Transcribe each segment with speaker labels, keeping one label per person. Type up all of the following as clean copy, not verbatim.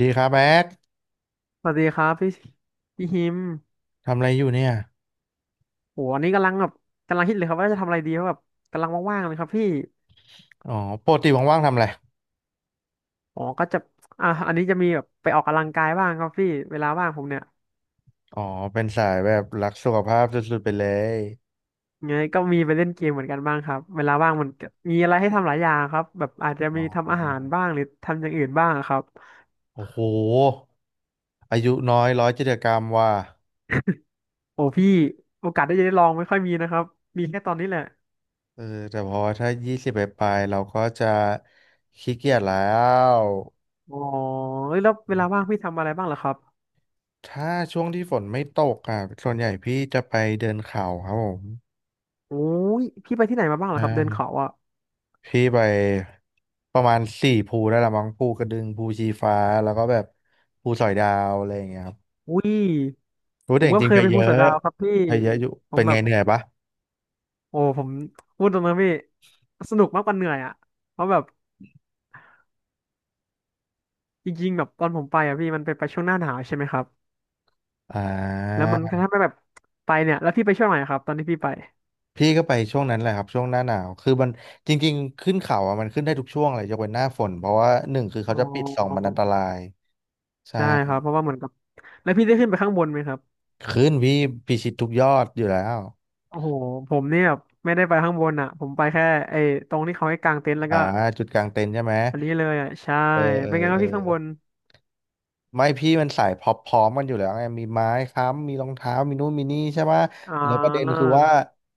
Speaker 1: ดีครับแบ๊ก
Speaker 2: สวัสดีครับพี่พี่ฮิม
Speaker 1: ทำอะไรอยู่เนี่ย
Speaker 2: โหอันนี้กำลังแบบกำลังคิดเลยครับว่าจะทำอะไรดีเพราะแบบกำลังว่างๆเลยครับพี่
Speaker 1: อ๋อปกติว่างๆทำอะไร
Speaker 2: อ๋อก็จะอันนี้จะมีแบบไปออกกำลังกายบ้างครับพี่เวลาว่างผมเนี่ย
Speaker 1: อ๋อเป็นสายแบบรักสุขภาพสุดๆไปเลย
Speaker 2: ไงก็มีไปเล่นเกมเหมือนกันบ้างครับเวลาว่างมันก็มีอะไรให้ทำหลายอย่างครับแบบอาจจะ
Speaker 1: อ๋
Speaker 2: มีทำ
Speaker 1: อ
Speaker 2: อาหารบ้างหรือทำอย่างอื่นบ้างครับ
Speaker 1: โอ้โหอายุน้อยร้อยจิจกรรมว่ะ
Speaker 2: โอ้พี่โอกาสได้จะได้ลองไม่ค่อยมีนะครับมีแค่ตอนนี้แหละ
Speaker 1: เออแต่พอถ้ายี่สิบไปปลายๆเราก็จะขี้เกียจแล้ว
Speaker 2: อ๋อเอ้ยแล้วเวลาว่างพี่ทำอะไรบ้างเหรอครับ
Speaker 1: ถ้าช่วงที่ฝนไม่ตกอ่ะส่วนใหญ่พี่จะไปเดินเขาครับผม
Speaker 2: โอ้ยพี่ไปที่ไหนมาบ้างเหรอ
Speaker 1: ใช่
Speaker 2: ครับเดินเขาอะ
Speaker 1: พี่ไปประมาณสี่ภูได้ละมั้งภูกระดึงภูชีฟ้าแล้วก็แบบภูสอยดาวอะไรอย่างเงี้ยครับ
Speaker 2: อุ้ย
Speaker 1: รู้
Speaker 2: ผ
Speaker 1: แต่
Speaker 2: ม
Speaker 1: จ
Speaker 2: ก็
Speaker 1: ริ
Speaker 2: เค
Speaker 1: งๆ
Speaker 2: ย
Speaker 1: ไป
Speaker 2: ไป
Speaker 1: เย
Speaker 2: ภูสอ
Speaker 1: อะ
Speaker 2: ยดาวครับพี่
Speaker 1: ไปเยอะอยู่
Speaker 2: ผ
Speaker 1: เป็
Speaker 2: ม
Speaker 1: น
Speaker 2: แบ
Speaker 1: ไง
Speaker 2: บ
Speaker 1: เหนื่อยปะ
Speaker 2: โอ้ผมพูดตรงนะพี่สนุกมากกว่าเหนื่อยอ่ะเพราะแบบจริงๆแบบตอนผมไปอ่ะพี่มันไปช่วงหน้าหนาวใช่ไหมครับ
Speaker 1: อ่
Speaker 2: แล้ว
Speaker 1: า
Speaker 2: มันก็ทำให้แบบไปเนี่ยแล้วพี่ไปช่วงไหนครับตอนที่พี่ไป
Speaker 1: พี่ก็ไปช่วงนั้นแหละครับช่วงหน้าหนาวคือมันจริงๆขึ้นเขาอ่ะมันขึ้นได้ทุกช่วงเลยยกเว้นหน้าฝนเพราะว่าหนึ่งคือ
Speaker 2: อ๋
Speaker 1: เขาจะปิดสองมัน
Speaker 2: อ
Speaker 1: อันตรายใช่
Speaker 2: ใช่ครับเพราะว่าเหมือนกับแล้วพี่ได้ขึ้นไปข้างบนไหมครับ
Speaker 1: ขึ้นพี่พิชิตทุกยอดอยู่แล้ว
Speaker 2: โอ้โหผมเนี่ยแบบไม่ได้ไปข้างบนอ่ะผมไปแค่ไอ้ตรงที่เขาให้กางเต็นท์แล้ว
Speaker 1: อ่า
Speaker 2: ก็
Speaker 1: จุดกลางเต็นท์ใช่ไหม
Speaker 2: อันนี้เลยอ่ะใช่
Speaker 1: เออเออ
Speaker 2: เป็นไงค
Speaker 1: เอ
Speaker 2: รับ
Speaker 1: อ
Speaker 2: พี่ข้างบน
Speaker 1: ไม่พี่มันสายพร้อมๆกันอยู่แล้วไงมีไม้ค้ำมีรองเท้ามีนู่นมีนี่ใช่ปะ
Speaker 2: อ่
Speaker 1: แล้วประเด็น
Speaker 2: า
Speaker 1: คือว่า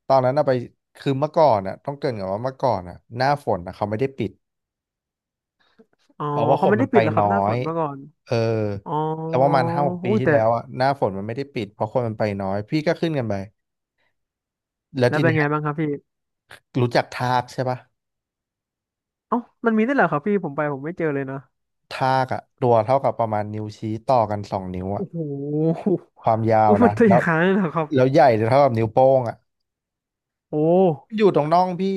Speaker 1: ตอนนั้นอะไปคือเมื่อก่อนอะต้องเกริ่นก่อนว่าเมื่อก่อนอะหน้าฝนอะเขาไม่ได้ปิด
Speaker 2: อ๋อ
Speaker 1: เพราะว่าค
Speaker 2: เขา
Speaker 1: น
Speaker 2: ไม่
Speaker 1: มั
Speaker 2: ได้
Speaker 1: นไป
Speaker 2: ปิดเหรอครั
Speaker 1: น้
Speaker 2: บ
Speaker 1: อ
Speaker 2: หน้าฝ
Speaker 1: ย
Speaker 2: นเมาก่อน
Speaker 1: เออ
Speaker 2: อ๋อ
Speaker 1: แต่วประมาณ5-6 ปี
Speaker 2: อุ้ย
Speaker 1: ที่
Speaker 2: แต่
Speaker 1: แล้วอะหน้าฝนมันไม่ได้ปิดเพราะคนมันไปน้อยพี่ก็ขึ้นกันไปแล้ว
Speaker 2: แล้ว
Speaker 1: ที
Speaker 2: เป็น
Speaker 1: เนี้ย
Speaker 2: ไงบ้างครับพี่
Speaker 1: รู้จักทากใช่ปะ
Speaker 2: เอ้ามันมีได้วยเหรอครับพี่ผมไปผมไม่เจอเลยนะ
Speaker 1: ทากอะตัวเท่ากับประมาณนิ้วชี้ต่อกัน2 นิ้วอะ
Speaker 2: โอ้โห
Speaker 1: ความยา ว
Speaker 2: อุ้ยมั
Speaker 1: นะ
Speaker 2: นตัวให
Speaker 1: แล้
Speaker 2: ญ่
Speaker 1: ว
Speaker 2: ขนาดนั้นเหรอครับ
Speaker 1: แล้วใหญ่เท่ากับนิ้วโป้งอ่ะ
Speaker 2: โอ้
Speaker 1: อยู่ตรงน่องพี่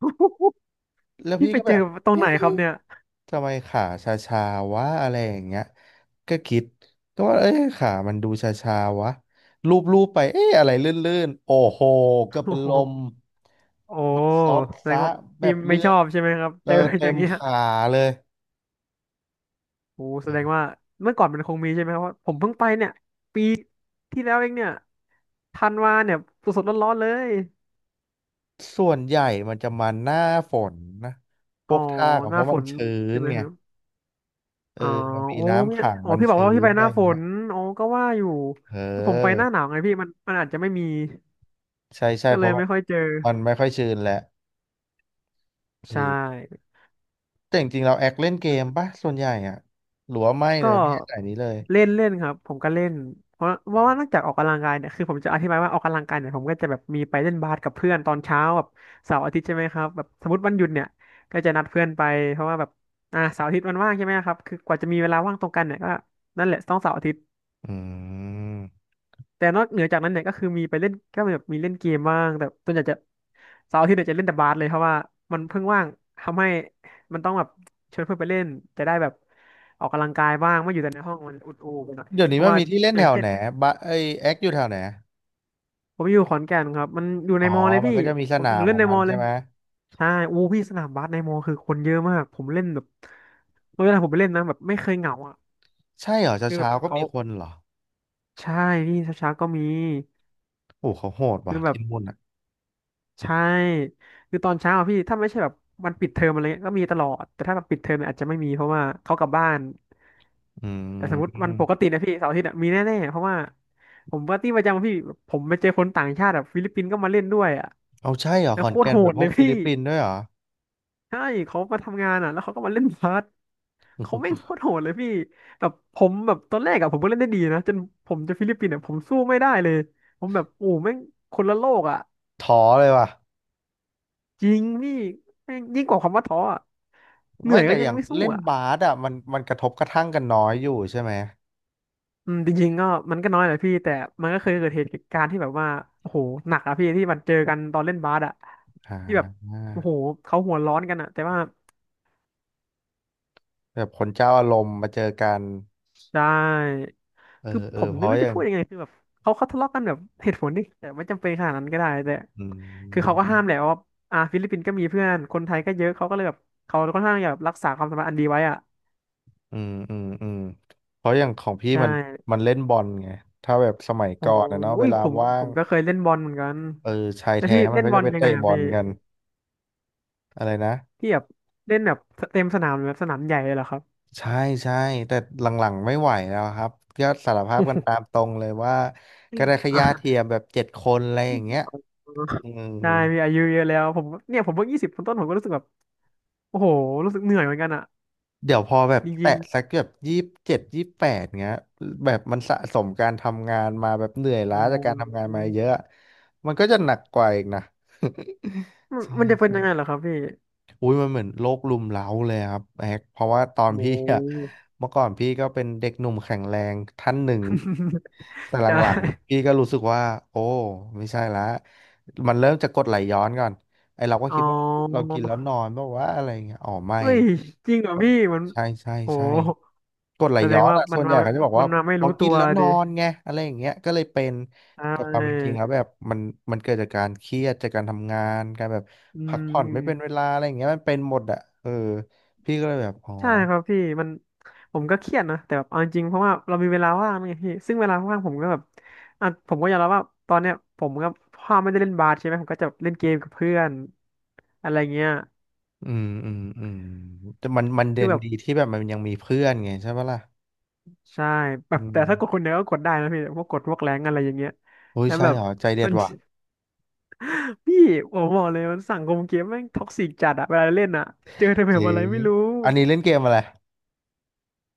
Speaker 1: แล้ว
Speaker 2: พี่
Speaker 1: พี่
Speaker 2: ไป
Speaker 1: ก็
Speaker 2: เจ
Speaker 1: แบ
Speaker 2: อ
Speaker 1: บ
Speaker 2: ตรง
Speaker 1: เอ๊
Speaker 2: ไหนค
Speaker 1: ะ
Speaker 2: รับเนี่ย
Speaker 1: ทำไมขาชาชาวะอะไรอย่างเงี้ยก็คิดก็ว่าเอ้ยขามันดูชาชาวะลูบลูบไปเอ้อะไรลื่นๆโอ้โหก็
Speaker 2: โอ้
Speaker 1: เป็น
Speaker 2: โห
Speaker 1: ลม
Speaker 2: โอ้
Speaker 1: มันซด
Speaker 2: แสดง
Speaker 1: ซะ
Speaker 2: ว่า
Speaker 1: แบ
Speaker 2: พี่
Speaker 1: บ
Speaker 2: ไม่
Speaker 1: เลื
Speaker 2: ช
Speaker 1: อ
Speaker 2: อ
Speaker 1: ด
Speaker 2: บใช่ไหมครับ
Speaker 1: เอ
Speaker 2: เจอ
Speaker 1: อ
Speaker 2: อ
Speaker 1: เต็
Speaker 2: ย่า
Speaker 1: ม
Speaker 2: งเงี้ย
Speaker 1: ขาเลย
Speaker 2: โอ้แสดงว่าเมื่อก่อนมันคงมีใช่ไหมครับว่าะผมเพิ่งไปเนี่ยปีที่แล้วเองเนี่ยธันวาเนี่ยสดๆร้อนๆเลย
Speaker 1: ส่วนใหญ่มันจะมาหน้าฝนนะพ
Speaker 2: อ๋
Speaker 1: ว
Speaker 2: อ
Speaker 1: กท่าก็
Speaker 2: ห
Speaker 1: เพ
Speaker 2: น้า
Speaker 1: ราะ
Speaker 2: ฝ
Speaker 1: มัน
Speaker 2: น
Speaker 1: ชื้
Speaker 2: มีใช่
Speaker 1: น
Speaker 2: ไหม
Speaker 1: ไง
Speaker 2: ครับ
Speaker 1: เอ
Speaker 2: อ๋อ
Speaker 1: อมันมี
Speaker 2: โอ้
Speaker 1: น้ำ
Speaker 2: พี่
Speaker 1: ขัง
Speaker 2: อ๋อ
Speaker 1: มัน
Speaker 2: พี่บอกว่า
Speaker 1: ชื้
Speaker 2: พี่
Speaker 1: น
Speaker 2: ไป
Speaker 1: อะ
Speaker 2: ห
Speaker 1: ไร
Speaker 2: น้า
Speaker 1: อย่า
Speaker 2: ฝ
Speaker 1: งเงี้ย
Speaker 2: นอ๋อก็ว่าอยู่
Speaker 1: เ
Speaker 2: คือผมไปห
Speaker 1: ออ
Speaker 2: น้าหนาวไงพี่มันอาจจะไม่มี
Speaker 1: ใช่ใช่
Speaker 2: ก็
Speaker 1: เพ
Speaker 2: เลย
Speaker 1: ราะว่า
Speaker 2: ไม่ค่อยเจอ
Speaker 1: มันไม่ค่อยชื้นแหละเอ
Speaker 2: ใช่
Speaker 1: อ แต่จริงๆเราแอคเล่นเกมปะส่วนใหญ่อ่ะหรือว่าไม่เล
Speaker 2: ก็
Speaker 1: ยไม่ใช่สายนี้เลย
Speaker 2: เล่นเล่นครับผมก็เล่นเพราะว่านอกจากออกกำลังกายเนี่ยคือผมจะอธิบายว่าออกกำลังกายเนี่ยผมก็จะแบบมีไปเล่นบาสกับเพื่อนตอนเช้าแบบเสาร์อาทิตย์ใช่ไหมครับแบบสมมติวันหยุดเนี่ยก็จะนัดเพื่อนไปเพราะว่าแบบอ่าเสาร์อาทิตย์มันว่างใช่ไหมครับคือกว่าจะมีเวลาว่างตรงกันเนี่ยก็นั่นแหละต้องเสาร์อาทิตย์
Speaker 1: อืม
Speaker 2: แต่นอกเหนือจากนั้นเนี่ยก็คือมีไปเล่นก็แบบมีเล่นเกมบ้างแต่ส่วนใหญ่จะเสาร์อาทิตย์เนี่ยจะเล่นแต่บาสเลยเพราะว่ามันเพิ่งว่างทำให้มันต้องแบบชวนเพื่อนไปเล่นจะได้แบบออกกำลังกายบ้างไม่อยู่แต่ในห้องมันอุดอูไปหน่อย
Speaker 1: เดี๋ยว
Speaker 2: เพ
Speaker 1: นี้
Speaker 2: ราะ
Speaker 1: มัน
Speaker 2: ว่า
Speaker 1: มีที่เล่น
Speaker 2: อ
Speaker 1: แถ
Speaker 2: ย่าง
Speaker 1: ว
Speaker 2: เช่น
Speaker 1: ไหนบะไอยแอคอยู่แถวไหน
Speaker 2: ผมอยู่ขอนแก่นครับมันอยู่ใน
Speaker 1: อ๋อ
Speaker 2: มอเลย
Speaker 1: มัน
Speaker 2: พี่
Speaker 1: ก็จะมีส
Speaker 2: ผม
Speaker 1: นาม
Speaker 2: เล่
Speaker 1: ข
Speaker 2: น
Speaker 1: อง
Speaker 2: ใน
Speaker 1: มั
Speaker 2: ม
Speaker 1: น
Speaker 2: อเล
Speaker 1: ใช่
Speaker 2: ย
Speaker 1: ไหม
Speaker 2: ใช่อู้พี่สนามบาสในมอคือคนเยอะมากผมเล่นแบบเวลาผมไปเล่นนะแบบไม่เคยเหงาอ่ะ
Speaker 1: ใช่เหรอเช้า
Speaker 2: คือแบ
Speaker 1: เช้า
Speaker 2: บ
Speaker 1: ก็
Speaker 2: เขา
Speaker 1: มีคนเหรอ
Speaker 2: ใช่พี่เช้าๆก็มี
Speaker 1: โอ้เขาโหด
Speaker 2: คื
Speaker 1: ว่ะ
Speaker 2: อแบบ
Speaker 1: ที่นู่นอ่ะ
Speaker 2: ใช่คือตอนเช้าอะพี่ถ้าไม่ใช่แบบวันปิดเทอมอะไรเงี้ยก็มีตลอดแต่ถ้าแบบปิดเทอมเนี่ยอาจจะไม่มีเพราะว่าเขากลับบ้าน
Speaker 1: อื
Speaker 2: แต่สมมติวันป
Speaker 1: ม
Speaker 2: กตินะพี่เสาร์อาทิตย์อะมีแน่ๆเพราะว่าผมปาร์ตี้ประจำพี่ผมไปเจอคนต่างชาติแบบฟิลิปปินส์ก็มาเล่นด้วยอ่ะ
Speaker 1: เอาใช่เหรอ
Speaker 2: แล้
Speaker 1: ข
Speaker 2: ว
Speaker 1: อ
Speaker 2: โค
Speaker 1: น
Speaker 2: ตร
Speaker 1: แก่น
Speaker 2: โห
Speaker 1: แบบ
Speaker 2: ด
Speaker 1: พ
Speaker 2: เล
Speaker 1: วก
Speaker 2: ย
Speaker 1: ฟิ
Speaker 2: พี่
Speaker 1: ลิปปินส์ด้วยเหรอ
Speaker 2: ใช่เขามาทำงานอ่ะแล้วเขาก็มาเล่นบาสเขาแม่งโค ตรโหดเลยพี่แบบผมแบบตอนแรกอ่ะผมก็เล่นได้ดีนะจนผมจะฟิลิปปินส์อ่ะผมสู้ไม่ได้เลยผมแบบโอ้แม่งคนละโลกอ่ะ
Speaker 1: ท้อเลยว่ะ
Speaker 2: จริงพี่แม่งยิ่งกว่าคำว่าท้ออะเหนื่
Speaker 1: ไม่
Speaker 2: อยก็
Speaker 1: แต่
Speaker 2: ยั
Speaker 1: อ
Speaker 2: ง
Speaker 1: ย่าง
Speaker 2: ไม่สู้
Speaker 1: เล่น
Speaker 2: อ่ะ
Speaker 1: บาสอ่ะมันมันกระทบกระทั่งกันน้อยอยู่ใช่ไหม
Speaker 2: อืมจริงๆก็มันก็น้อยแหละพี่แต่มันก็เคยเกิดเหตุการณ์ที่แบบว่าโอ้โหหนักอะพี่ที่มันเจอกันตอนเล่นบาสอะ
Speaker 1: อ่
Speaker 2: ที่แบบ
Speaker 1: า
Speaker 2: โอ้โหเขาหัวร้อนกันอะแต่ว่า
Speaker 1: แบบคนเจ้าอารมณ์มาเจอกัน
Speaker 2: ใช่
Speaker 1: เออ
Speaker 2: คือ
Speaker 1: เอ
Speaker 2: ผ
Speaker 1: อ
Speaker 2: ม
Speaker 1: เพ
Speaker 2: ไม่
Speaker 1: ราะ
Speaker 2: รู้
Speaker 1: อ
Speaker 2: จะ
Speaker 1: ย่าง
Speaker 2: พูดยังไงคือแบบเขาทะเลาะกันแบบเหตุผลดิแต่ไม่จำเป็นขนาดนั้นก็ได้แต่
Speaker 1: อื
Speaker 2: คือเขาก็
Speaker 1: ม
Speaker 2: ห้ามแหละว่าอ่าฟิลิปปินส์ก็มีเพื่อนคนไทยก็เยอะเขาก็เลยแบบเขาค่อนข้างอยากรักษาความสัมพันธ์อันดีไว้อะ
Speaker 1: อืม อืม อืม เพราะอย่างของพี่
Speaker 2: ใช่
Speaker 1: มันมันเล่นบอลไง ถ้าแบบสมัย
Speaker 2: โอ้
Speaker 1: ก่อนนะเนาะเว
Speaker 2: ย
Speaker 1: ลา
Speaker 2: ผม
Speaker 1: ว่า
Speaker 2: ผ
Speaker 1: ง
Speaker 2: มก็เคยเล่นบอลเหมือนกัน
Speaker 1: เออชาย
Speaker 2: แล้ว
Speaker 1: แท้
Speaker 2: พี่
Speaker 1: มัน
Speaker 2: เล่น
Speaker 1: ก็
Speaker 2: บอ
Speaker 1: จะ
Speaker 2: ล
Speaker 1: ไป
Speaker 2: ยัง
Speaker 1: เตะ
Speaker 2: ไง
Speaker 1: บ
Speaker 2: อ่ะ
Speaker 1: อ
Speaker 2: พี่
Speaker 1: ลกันอะไรนะ
Speaker 2: พี่แบบเล่นแบบเต็มสนามหรือแบบสนามใหญ่เลยเหรอครับ
Speaker 1: ใช่ใช่แต่หลังๆไม่ไหวแล้วครับก็สารภาพกันตามตรงเลยว่า
Speaker 2: อ
Speaker 1: ก็
Speaker 2: ม
Speaker 1: ได้แค่
Speaker 2: อ่ะ
Speaker 1: ญาติเทียมแบบเจ็ดคนอะไรอ
Speaker 2: อื
Speaker 1: ย่า
Speaker 2: ม
Speaker 1: งเงี้ย อืม
Speaker 2: ได้พี่อายุเยอะแล้วผมเนี่ยผมเพิ่งยี่สิบต้นๆผมก็รู้สึกแบบโอ้โหรู้สึกเหนื่อยเหมือนกันอ่ะ
Speaker 1: เดี๋ยวพอแบบ
Speaker 2: จ
Speaker 1: แตะ
Speaker 2: ริง
Speaker 1: สักแบบ27-28เงี้ยแบบมันสะสมการทำงานมาแบบเหนื่อย
Speaker 2: อโอ
Speaker 1: ล้าจากการทำงาน
Speaker 2: ้
Speaker 1: มาเยอะมันก็จะหนักกว่าอีกนะ
Speaker 2: มั น
Speaker 1: ใช่
Speaker 2: มันจะเป็น
Speaker 1: ใช่
Speaker 2: ยังไงเหรอครับพี่
Speaker 1: อุ้ยมันเหมือนโลกรุมเร้าเลยครับแฮกเพราะว่าตอน
Speaker 2: โอ้
Speaker 1: พี่อะเมื่อก่อนพี่ก็เป็นเด็กหนุ่มแข็งแรงท่านหนึ่งแต่ ห
Speaker 2: ใช่
Speaker 1: ลังๆพี่ก็รู้สึกว่าโอ้ไม่ใช่ละมันเริ่มจะกดไหลย้อนก่อนไอเราก็
Speaker 2: อ๋อ
Speaker 1: คิดว่าเรากินแล้วนอนเพราะว่าอะไรเงี้ยอ๋อไม่
Speaker 2: เอ้ยจริงเหรอพี่มัน
Speaker 1: ใช่ใช่
Speaker 2: โอ้
Speaker 1: ใช่ กรดไหล
Speaker 2: แสด
Speaker 1: ย้อ
Speaker 2: ง
Speaker 1: น
Speaker 2: ว่า
Speaker 1: อ่ะ
Speaker 2: มั
Speaker 1: ส่
Speaker 2: น
Speaker 1: วนให
Speaker 2: มา
Speaker 1: ญ่เขาจะบอก
Speaker 2: มัน
Speaker 1: ว่า
Speaker 2: มาไม่
Speaker 1: พอ
Speaker 2: รู้ตั
Speaker 1: กิน
Speaker 2: ว
Speaker 1: แล้วน
Speaker 2: ดิ
Speaker 1: อนไงอะไรอย่างเงี้ยก็เลยเป็น
Speaker 2: ใช
Speaker 1: แต่ความเป็นจริงแล้ว
Speaker 2: ่
Speaker 1: แบบมันมันเกิดจากการเครียดจากการทำงานการแบบ
Speaker 2: อื
Speaker 1: พักผ่อนไม่เป็นเว
Speaker 2: ม
Speaker 1: ลาอะไรอย่างเงี้ยมันเป็นหมดอ่ะเออพี่ก็เลยแบบอ๋อ
Speaker 2: ใช่ครับพี่มันผมก็เครียดนะแต่แบบเอาจริงๆเพราะว่าเรามีเวลาว่างไงพี่ซึ่งเวลาว่างผมก็แบบอ่ะผมก็ยอมรับว่าตอนเนี้ยผมก็พ่อไม่ได้เล่นบาสใช่ไหมผมก็จะเล่นเกมกับเพื่อนอะไรเงี้ย
Speaker 1: อืมอืมอืมแต่มันเด่
Speaker 2: คือ
Speaker 1: น
Speaker 2: แบบ
Speaker 1: ดีที่แบบมันยังมีเพื่อนไงใช่ปะล่ะ
Speaker 2: ใช่แบ
Speaker 1: อื
Speaker 2: บ
Speaker 1: ม
Speaker 2: แต่ถ้ากดคนเดียวก็กดได้นะพี่พวกกดพวกแรงอะไรอย่างเงี้ย
Speaker 1: โอ้ย
Speaker 2: แล้ว
Speaker 1: ใช่
Speaker 2: แบ
Speaker 1: เห
Speaker 2: บ
Speaker 1: รอใจเด็
Speaker 2: มั
Speaker 1: ด
Speaker 2: น
Speaker 1: ว่ะ
Speaker 2: พี่ผมบอกเลยมันสังคมเกมแม่งท็อกซิกจัดอะเวลาเล่นอะเจอแต่แบ
Speaker 1: เจ๋
Speaker 2: บอะไร
Speaker 1: ง
Speaker 2: ไม่รู้
Speaker 1: อันนี้เล่นเกมอะไร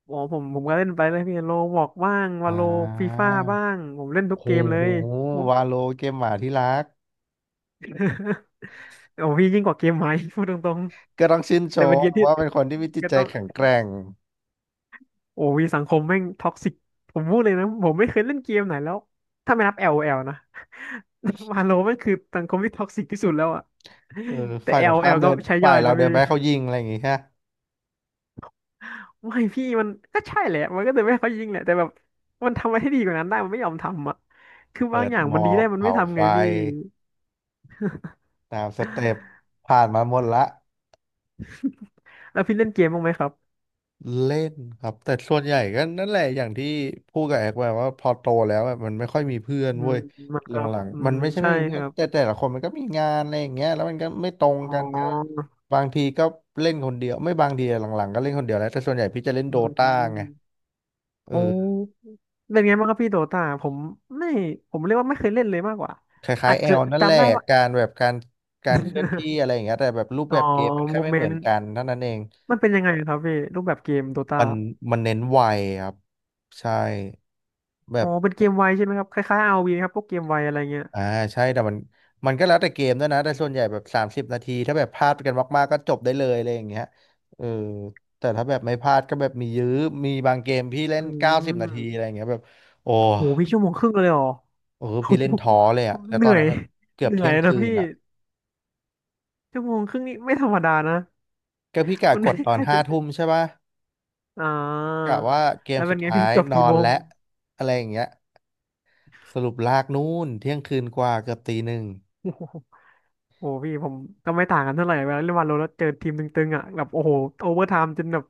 Speaker 2: อ๋อผมก็เล่นไปเลยพี่โลบอกบ้างวา
Speaker 1: อ่
Speaker 2: โลฟี
Speaker 1: า
Speaker 2: ฟ่าบ้างผมเล่น
Speaker 1: โอ้
Speaker 2: ทุกเกมเล
Speaker 1: โห
Speaker 2: ยผม
Speaker 1: วาโลเกมหมาที่รัก
Speaker 2: โอ้พี่ยิ่งกว่าเกมไหม พูดตรง
Speaker 1: ก็ต้องชื่น
Speaker 2: ๆ
Speaker 1: ช
Speaker 2: แต่เป็นเก
Speaker 1: ม
Speaker 2: มที่
Speaker 1: ว่าเป็นคนที่มีจิต
Speaker 2: ก็
Speaker 1: ใจ
Speaker 2: ต้อง
Speaker 1: แข็งแกร่ง
Speaker 2: โอ้วีสังคมแม่งท็อกซิกผมพูดเลยนะผมไม่เคยเล่นเกมไหนแล้วถ้าไม่นับ l o ลโอแอลนะ วาโลมันคือสังคมที่ท็อกซิกที่สุดแล้วอะ
Speaker 1: เออ
Speaker 2: แต่
Speaker 1: ฝ่ายตร
Speaker 2: l o ล
Speaker 1: ง
Speaker 2: โอแอ
Speaker 1: ข้าม
Speaker 2: ล
Speaker 1: เดิ
Speaker 2: ก็
Speaker 1: น
Speaker 2: ใช้
Speaker 1: ฝ่า
Speaker 2: ย่อ
Speaker 1: ย
Speaker 2: ย
Speaker 1: เรา
Speaker 2: นะ
Speaker 1: เดิน
Speaker 2: พี่
Speaker 1: ไปให้เขายิงอะไรอย่างงี้ฮะ
Speaker 2: ไม่พี่มันก็ใช่แหละมันก็จะไม่ให้เขายิงแหละแต่แบบมันทำอะไรให้ดีกว่านั้นได้มันไม่ยอมทำอะคือบา
Speaker 1: เปิ
Speaker 2: ง
Speaker 1: ด
Speaker 2: อย่าง
Speaker 1: หม
Speaker 2: มัน
Speaker 1: อ
Speaker 2: ดี
Speaker 1: ก
Speaker 2: ได้มันไม่
Speaker 1: เผา
Speaker 2: ทำ
Speaker 1: ไฟ
Speaker 2: ไงพี่
Speaker 1: ตามสเต็ปผ่านมาหมดละ
Speaker 2: แล้วพี่เล่นเกมบ้างไหมครับ
Speaker 1: เล่นครับแต่ส่วนใหญ่ก็นั่นแหละอย่างที่พูดกับแอกไปว่าพอโตแล้วอะมันไม่ค่อยมีเพื่อน
Speaker 2: อื
Speaker 1: เว้
Speaker 2: ม
Speaker 1: ย
Speaker 2: เหมือน
Speaker 1: หล
Speaker 2: กับ
Speaker 1: ัง
Speaker 2: อื
Speaker 1: ๆมัน
Speaker 2: ม
Speaker 1: ไม่ใช่ไม่
Speaker 2: ใช่
Speaker 1: มี
Speaker 2: ค
Speaker 1: เพื่อน
Speaker 2: รับ
Speaker 1: แต่แต่ละคนมันก็มีงานอะไรอย่างเงี้ยแล้วมันก็ไม่ตรง
Speaker 2: อ๋
Speaker 1: กันก็
Speaker 2: อ
Speaker 1: บางทีก็เล่นคนเดียวไม่บางทีอะหลังๆก็เล่นคนเดียวแล้วแต่ส่วนใหญ่พี่จะเล่น
Speaker 2: อื
Speaker 1: โดตาไง
Speaker 2: ม
Speaker 1: เอ
Speaker 2: โอ้
Speaker 1: อ
Speaker 2: เป็นไงบ้างครับพี่โดตาผมไม่ผมเรียกว่าไม่เคยเล่นเลยมากกว่า
Speaker 1: คล้า
Speaker 2: อา
Speaker 1: ย
Speaker 2: จ
Speaker 1: ๆแอ
Speaker 2: จะ
Speaker 1: ลนั่นแหละ
Speaker 2: จำได้ว่า
Speaker 1: การแบบการเคลื่อนที่อะ ไรอย่างเงี้ยแต่แบบรูป
Speaker 2: อ๋
Speaker 1: แบ
Speaker 2: อ
Speaker 1: บเกมมันแค่
Speaker 2: โม
Speaker 1: ไม่
Speaker 2: เม
Speaker 1: เหมื
Speaker 2: น
Speaker 1: อน
Speaker 2: ต์
Speaker 1: กันเท่านั้นเอง
Speaker 2: มันเป็นยังไงครับพี่รูปแบบเกมโดตา
Speaker 1: มันมันเน้นไวครับใช่แบ
Speaker 2: อ๋อ
Speaker 1: บ
Speaker 2: เป็นเกมไวใช่ไหมครับคล้ายๆ r ีครับพวกเกมไวอะไรเงี้ย
Speaker 1: อ่าใช่แต่มันก็แล้วแต่เกมด้วยนะแต่ส่วนใหญ่แบบ30 นาทีถ้าแบบพลาดกันมากๆก็จบได้เลยอะไรอย่างเงี้ยเออแต่ถ้าแบบไม่พลาดก็แบบมียื้อมีบางเกมพี่เล่
Speaker 2: อื
Speaker 1: น90 นาทีอะ
Speaker 2: ม
Speaker 1: ไรอย่างเงี้ยแบบโอ้
Speaker 2: โหพี่ชั่วโมงครึ่งเลยเหรอ
Speaker 1: โอ้
Speaker 2: โอ้
Speaker 1: พี่เล่น
Speaker 2: โห
Speaker 1: ท้อเลยอะแล้ว
Speaker 2: เห
Speaker 1: ตอ
Speaker 2: นื่
Speaker 1: น
Speaker 2: อ
Speaker 1: นั้
Speaker 2: ย
Speaker 1: นแบบเกือบ
Speaker 2: เหนื่อ
Speaker 1: เที่ย
Speaker 2: ย
Speaker 1: ง
Speaker 2: นะ
Speaker 1: คืน
Speaker 2: พี่
Speaker 1: อะ
Speaker 2: ชั่วโมงครึ่งนี่ไม่ธรรมดานะ
Speaker 1: ก็พี่กะ
Speaker 2: มัน
Speaker 1: กด
Speaker 2: ไม่
Speaker 1: ตอ
Speaker 2: ใค
Speaker 1: น
Speaker 2: ร
Speaker 1: ห้า
Speaker 2: จะ
Speaker 1: ทุ่มใช่ปะ
Speaker 2: อ่า
Speaker 1: กะว่าเกม
Speaker 2: แล้วเป็
Speaker 1: สุ
Speaker 2: น
Speaker 1: ด
Speaker 2: ไง
Speaker 1: ท้า
Speaker 2: พี่
Speaker 1: ย
Speaker 2: จบ
Speaker 1: นอ
Speaker 2: กี่
Speaker 1: น
Speaker 2: โมง
Speaker 1: และอะไรอย่างเงี้ยสรุปลากนู่นเที่ยงคืนกว่าเกือบตีหนึ่ง
Speaker 2: โอ้โห โอ้โหพี่ผมก็ไม่ต่างกันเท่าไหร่เวลาเล่นวาโลแล้วเจอทีมตึงๆอ่ะแบบโอ้โหโอเวอร์ไทม์จนแบบ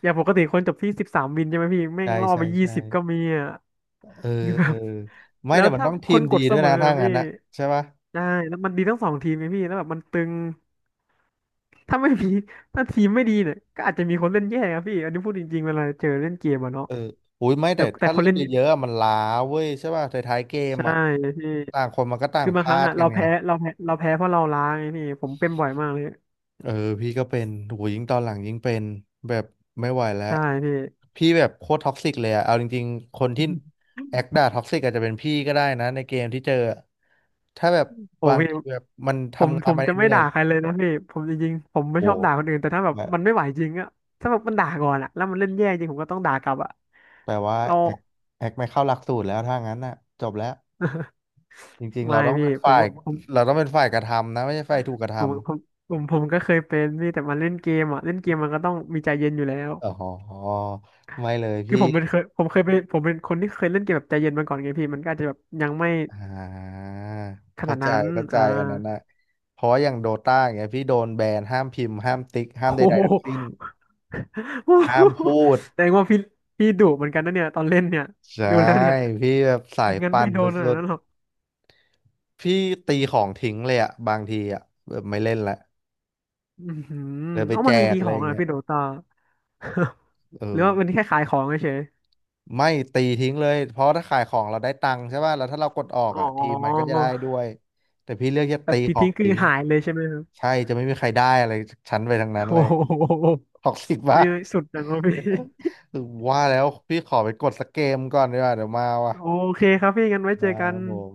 Speaker 2: อย่างปกติคนจบที่13วินใช่ไหมพี่แม่ง
Speaker 1: ใช่
Speaker 2: ล่อ
Speaker 1: ใช่
Speaker 2: ไปยี่
Speaker 1: ใช่
Speaker 2: สิบก็มีอ่ะ
Speaker 1: เออ
Speaker 2: คือแบ
Speaker 1: เออ
Speaker 2: บ
Speaker 1: ไม่
Speaker 2: แล้ว
Speaker 1: แต่มัน
Speaker 2: ถ้า
Speaker 1: ต้อง
Speaker 2: ค
Speaker 1: ที
Speaker 2: น
Speaker 1: ม
Speaker 2: ก
Speaker 1: ดี
Speaker 2: ดเส
Speaker 1: ด้วย
Speaker 2: มอ
Speaker 1: นะถ้า
Speaker 2: อะ
Speaker 1: งั้
Speaker 2: พี่
Speaker 1: นนะใช่ปะ
Speaker 2: ใช่แล้วมันดีทั้งสองทีมไงพี่แล้วแบบมันตึงถ้าไม่มีถ้าทีมไม่ดีเนี่ยก็อาจจะมีคนเล่นแย่ครับพี่อันนี้พูดจริงๆเวลาเจอเล่นเกมอะเนาะ
Speaker 1: เอออุ้ยไม่
Speaker 2: แต่
Speaker 1: แต่
Speaker 2: แต่
Speaker 1: ถ้า
Speaker 2: คน
Speaker 1: เล่น
Speaker 2: เล่น
Speaker 1: เยอะๆอะมันล้าเว้ยใช่ปะท้ายๆเกม
Speaker 2: ใช่
Speaker 1: อ่ะ
Speaker 2: พี่
Speaker 1: ต่างคนมันก็ต่าง
Speaker 2: คือ
Speaker 1: พ
Speaker 2: บางค
Speaker 1: ลา
Speaker 2: รั้ง
Speaker 1: ด
Speaker 2: อ่ะ
Speaker 1: กั
Speaker 2: เรา
Speaker 1: นไง
Speaker 2: แพ้เราแพ้เราแพ้เพราะเราล้าไงพี่ผมเป็นบ่อยมากเลย
Speaker 1: เออพี่ก็เป็นโหยิ่งตอนหลังยิ่งเป็นแบบไม่ไหวแล้ว
Speaker 2: ใช่พี่
Speaker 1: พี่แบบโคตรท็อกซิกเลยอะเอาจริงๆคนที่แอคด่าท็อกซิกอาจจะเป็นพี่ก็ได้นะในเกมที่เจออะถ้าแบบ
Speaker 2: โอ้
Speaker 1: บาง
Speaker 2: พี่
Speaker 1: ทีแบบมัน
Speaker 2: ผม
Speaker 1: ทำงา
Speaker 2: ผ
Speaker 1: น
Speaker 2: ม
Speaker 1: มา
Speaker 2: จะ
Speaker 1: เห
Speaker 2: ไม่
Speaker 1: นื่อ
Speaker 2: ด่า
Speaker 1: ย
Speaker 2: ใครเลยนะพี่ผมจริงๆผม
Speaker 1: ๆ
Speaker 2: ไม่
Speaker 1: โอ้
Speaker 2: ชอบด่าคนอื่นแต่ถ้าแบบ
Speaker 1: แบบ
Speaker 2: มันไม่ไหวจริงอ่ะถ้าแบบมันด่าก่อนอ่ะแล้วมันเล่นแย่จริงผมก็ต้องด่ากลับอ่ะ
Speaker 1: แปลว่า
Speaker 2: เรา
Speaker 1: แอคไม่เข้าหลักสูตรแล้วถ้างั้นน่ะจบแล้วจริงๆเรา
Speaker 2: ไม่
Speaker 1: ต้อง
Speaker 2: พี่
Speaker 1: เป็น
Speaker 2: ผม
Speaker 1: ฝ่าย
Speaker 2: ก็ผม
Speaker 1: เราต้องเป็นฝ่ายกระทำนะไม่ใช่ฝ่ายถูกกระท
Speaker 2: ผมผมผมผมก็เคยเป็นพี่แต่มันเล่นเกมอ่ะเล่นเกมมันก็ต้องมีใจเย็นอยู่แล้ว
Speaker 1: ำอ๋อไม่เลย
Speaker 2: คือ
Speaker 1: พี่
Speaker 2: ผมเป็นเคยผมเคยเป็นผมเป็นคนที่เคยเล่นเกมแบบใจเย็นมาก่อนไงพี่มันก็อาจจะแบบยังไม่
Speaker 1: อ่า
Speaker 2: ขนา
Speaker 1: เข้า
Speaker 2: ด
Speaker 1: ใจ
Speaker 2: นั้น
Speaker 1: เข้าใจ
Speaker 2: อ่า
Speaker 1: อันนั้นนะเพราะว่าอย่างโดต้าอย่างเงี้ยพี่โดนแบนห้ามพิมพ์ห้ามติ๊กห้า
Speaker 2: โอ
Speaker 1: มใดๆทั้งสิ้
Speaker 2: ้
Speaker 1: น
Speaker 2: โ
Speaker 1: ห้าม
Speaker 2: ห
Speaker 1: พูด
Speaker 2: แสดงว่าพี่ดุเหมือนกันนะเนี่ยตอนเล่นเนี่ย
Speaker 1: ใช่
Speaker 2: ดูแล้วเนี่ย
Speaker 1: พี่แบบสาย
Speaker 2: งั้น
Speaker 1: ปั่
Speaker 2: ไม่
Speaker 1: น
Speaker 2: โดนขนา
Speaker 1: สุ
Speaker 2: ด
Speaker 1: ด
Speaker 2: นั้นหรอก
Speaker 1: ๆพี่ตีของทิ้งเลยอะบางทีอะแบบไม่เล่นละ
Speaker 2: อือหือ
Speaker 1: เลยไป
Speaker 2: เอ้า
Speaker 1: แจ
Speaker 2: มันมี
Speaker 1: ก
Speaker 2: ดีข
Speaker 1: เล
Speaker 2: อ
Speaker 1: ยอ
Speaker 2: ง
Speaker 1: ย่าง
Speaker 2: อ่ะ
Speaker 1: เงี้ย
Speaker 2: พี่โดตา
Speaker 1: เอ
Speaker 2: หรือ
Speaker 1: อ
Speaker 2: ว่ามันแค่ขายของเฉย
Speaker 1: ไม่ตีทิ้งเลยเพราะถ้าขายของเราได้ตังค์ใช่ป่ะแล้วถ้าเรากดออ
Speaker 2: ๆ
Speaker 1: ก
Speaker 2: อ๋อ
Speaker 1: อ่ะทีมมันก็จะได้ด้วยแต่พี่เลือกจะ
Speaker 2: แบ
Speaker 1: ตี
Speaker 2: บตี
Speaker 1: ของ
Speaker 2: ทิ้งคือ
Speaker 1: ทิ้ง
Speaker 2: หายเลยใช่ไหมครับ
Speaker 1: ใช่จะไม่มีใครได้อะไรชั้นไปทางนั้น
Speaker 2: โอ้
Speaker 1: เลย
Speaker 2: โห
Speaker 1: ท็อกซิก มา
Speaker 2: พี่
Speaker 1: ก
Speaker 2: สุดจังวะพี่
Speaker 1: ว่าแล้วพี่ขอไปกดสักเกมก่อนดีกว่าเดี๋ยวมาว่ะ
Speaker 2: โอเคครับพี่งั้นไว้เจอ
Speaker 1: ได้
Speaker 2: กั
Speaker 1: ค
Speaker 2: น
Speaker 1: รับผม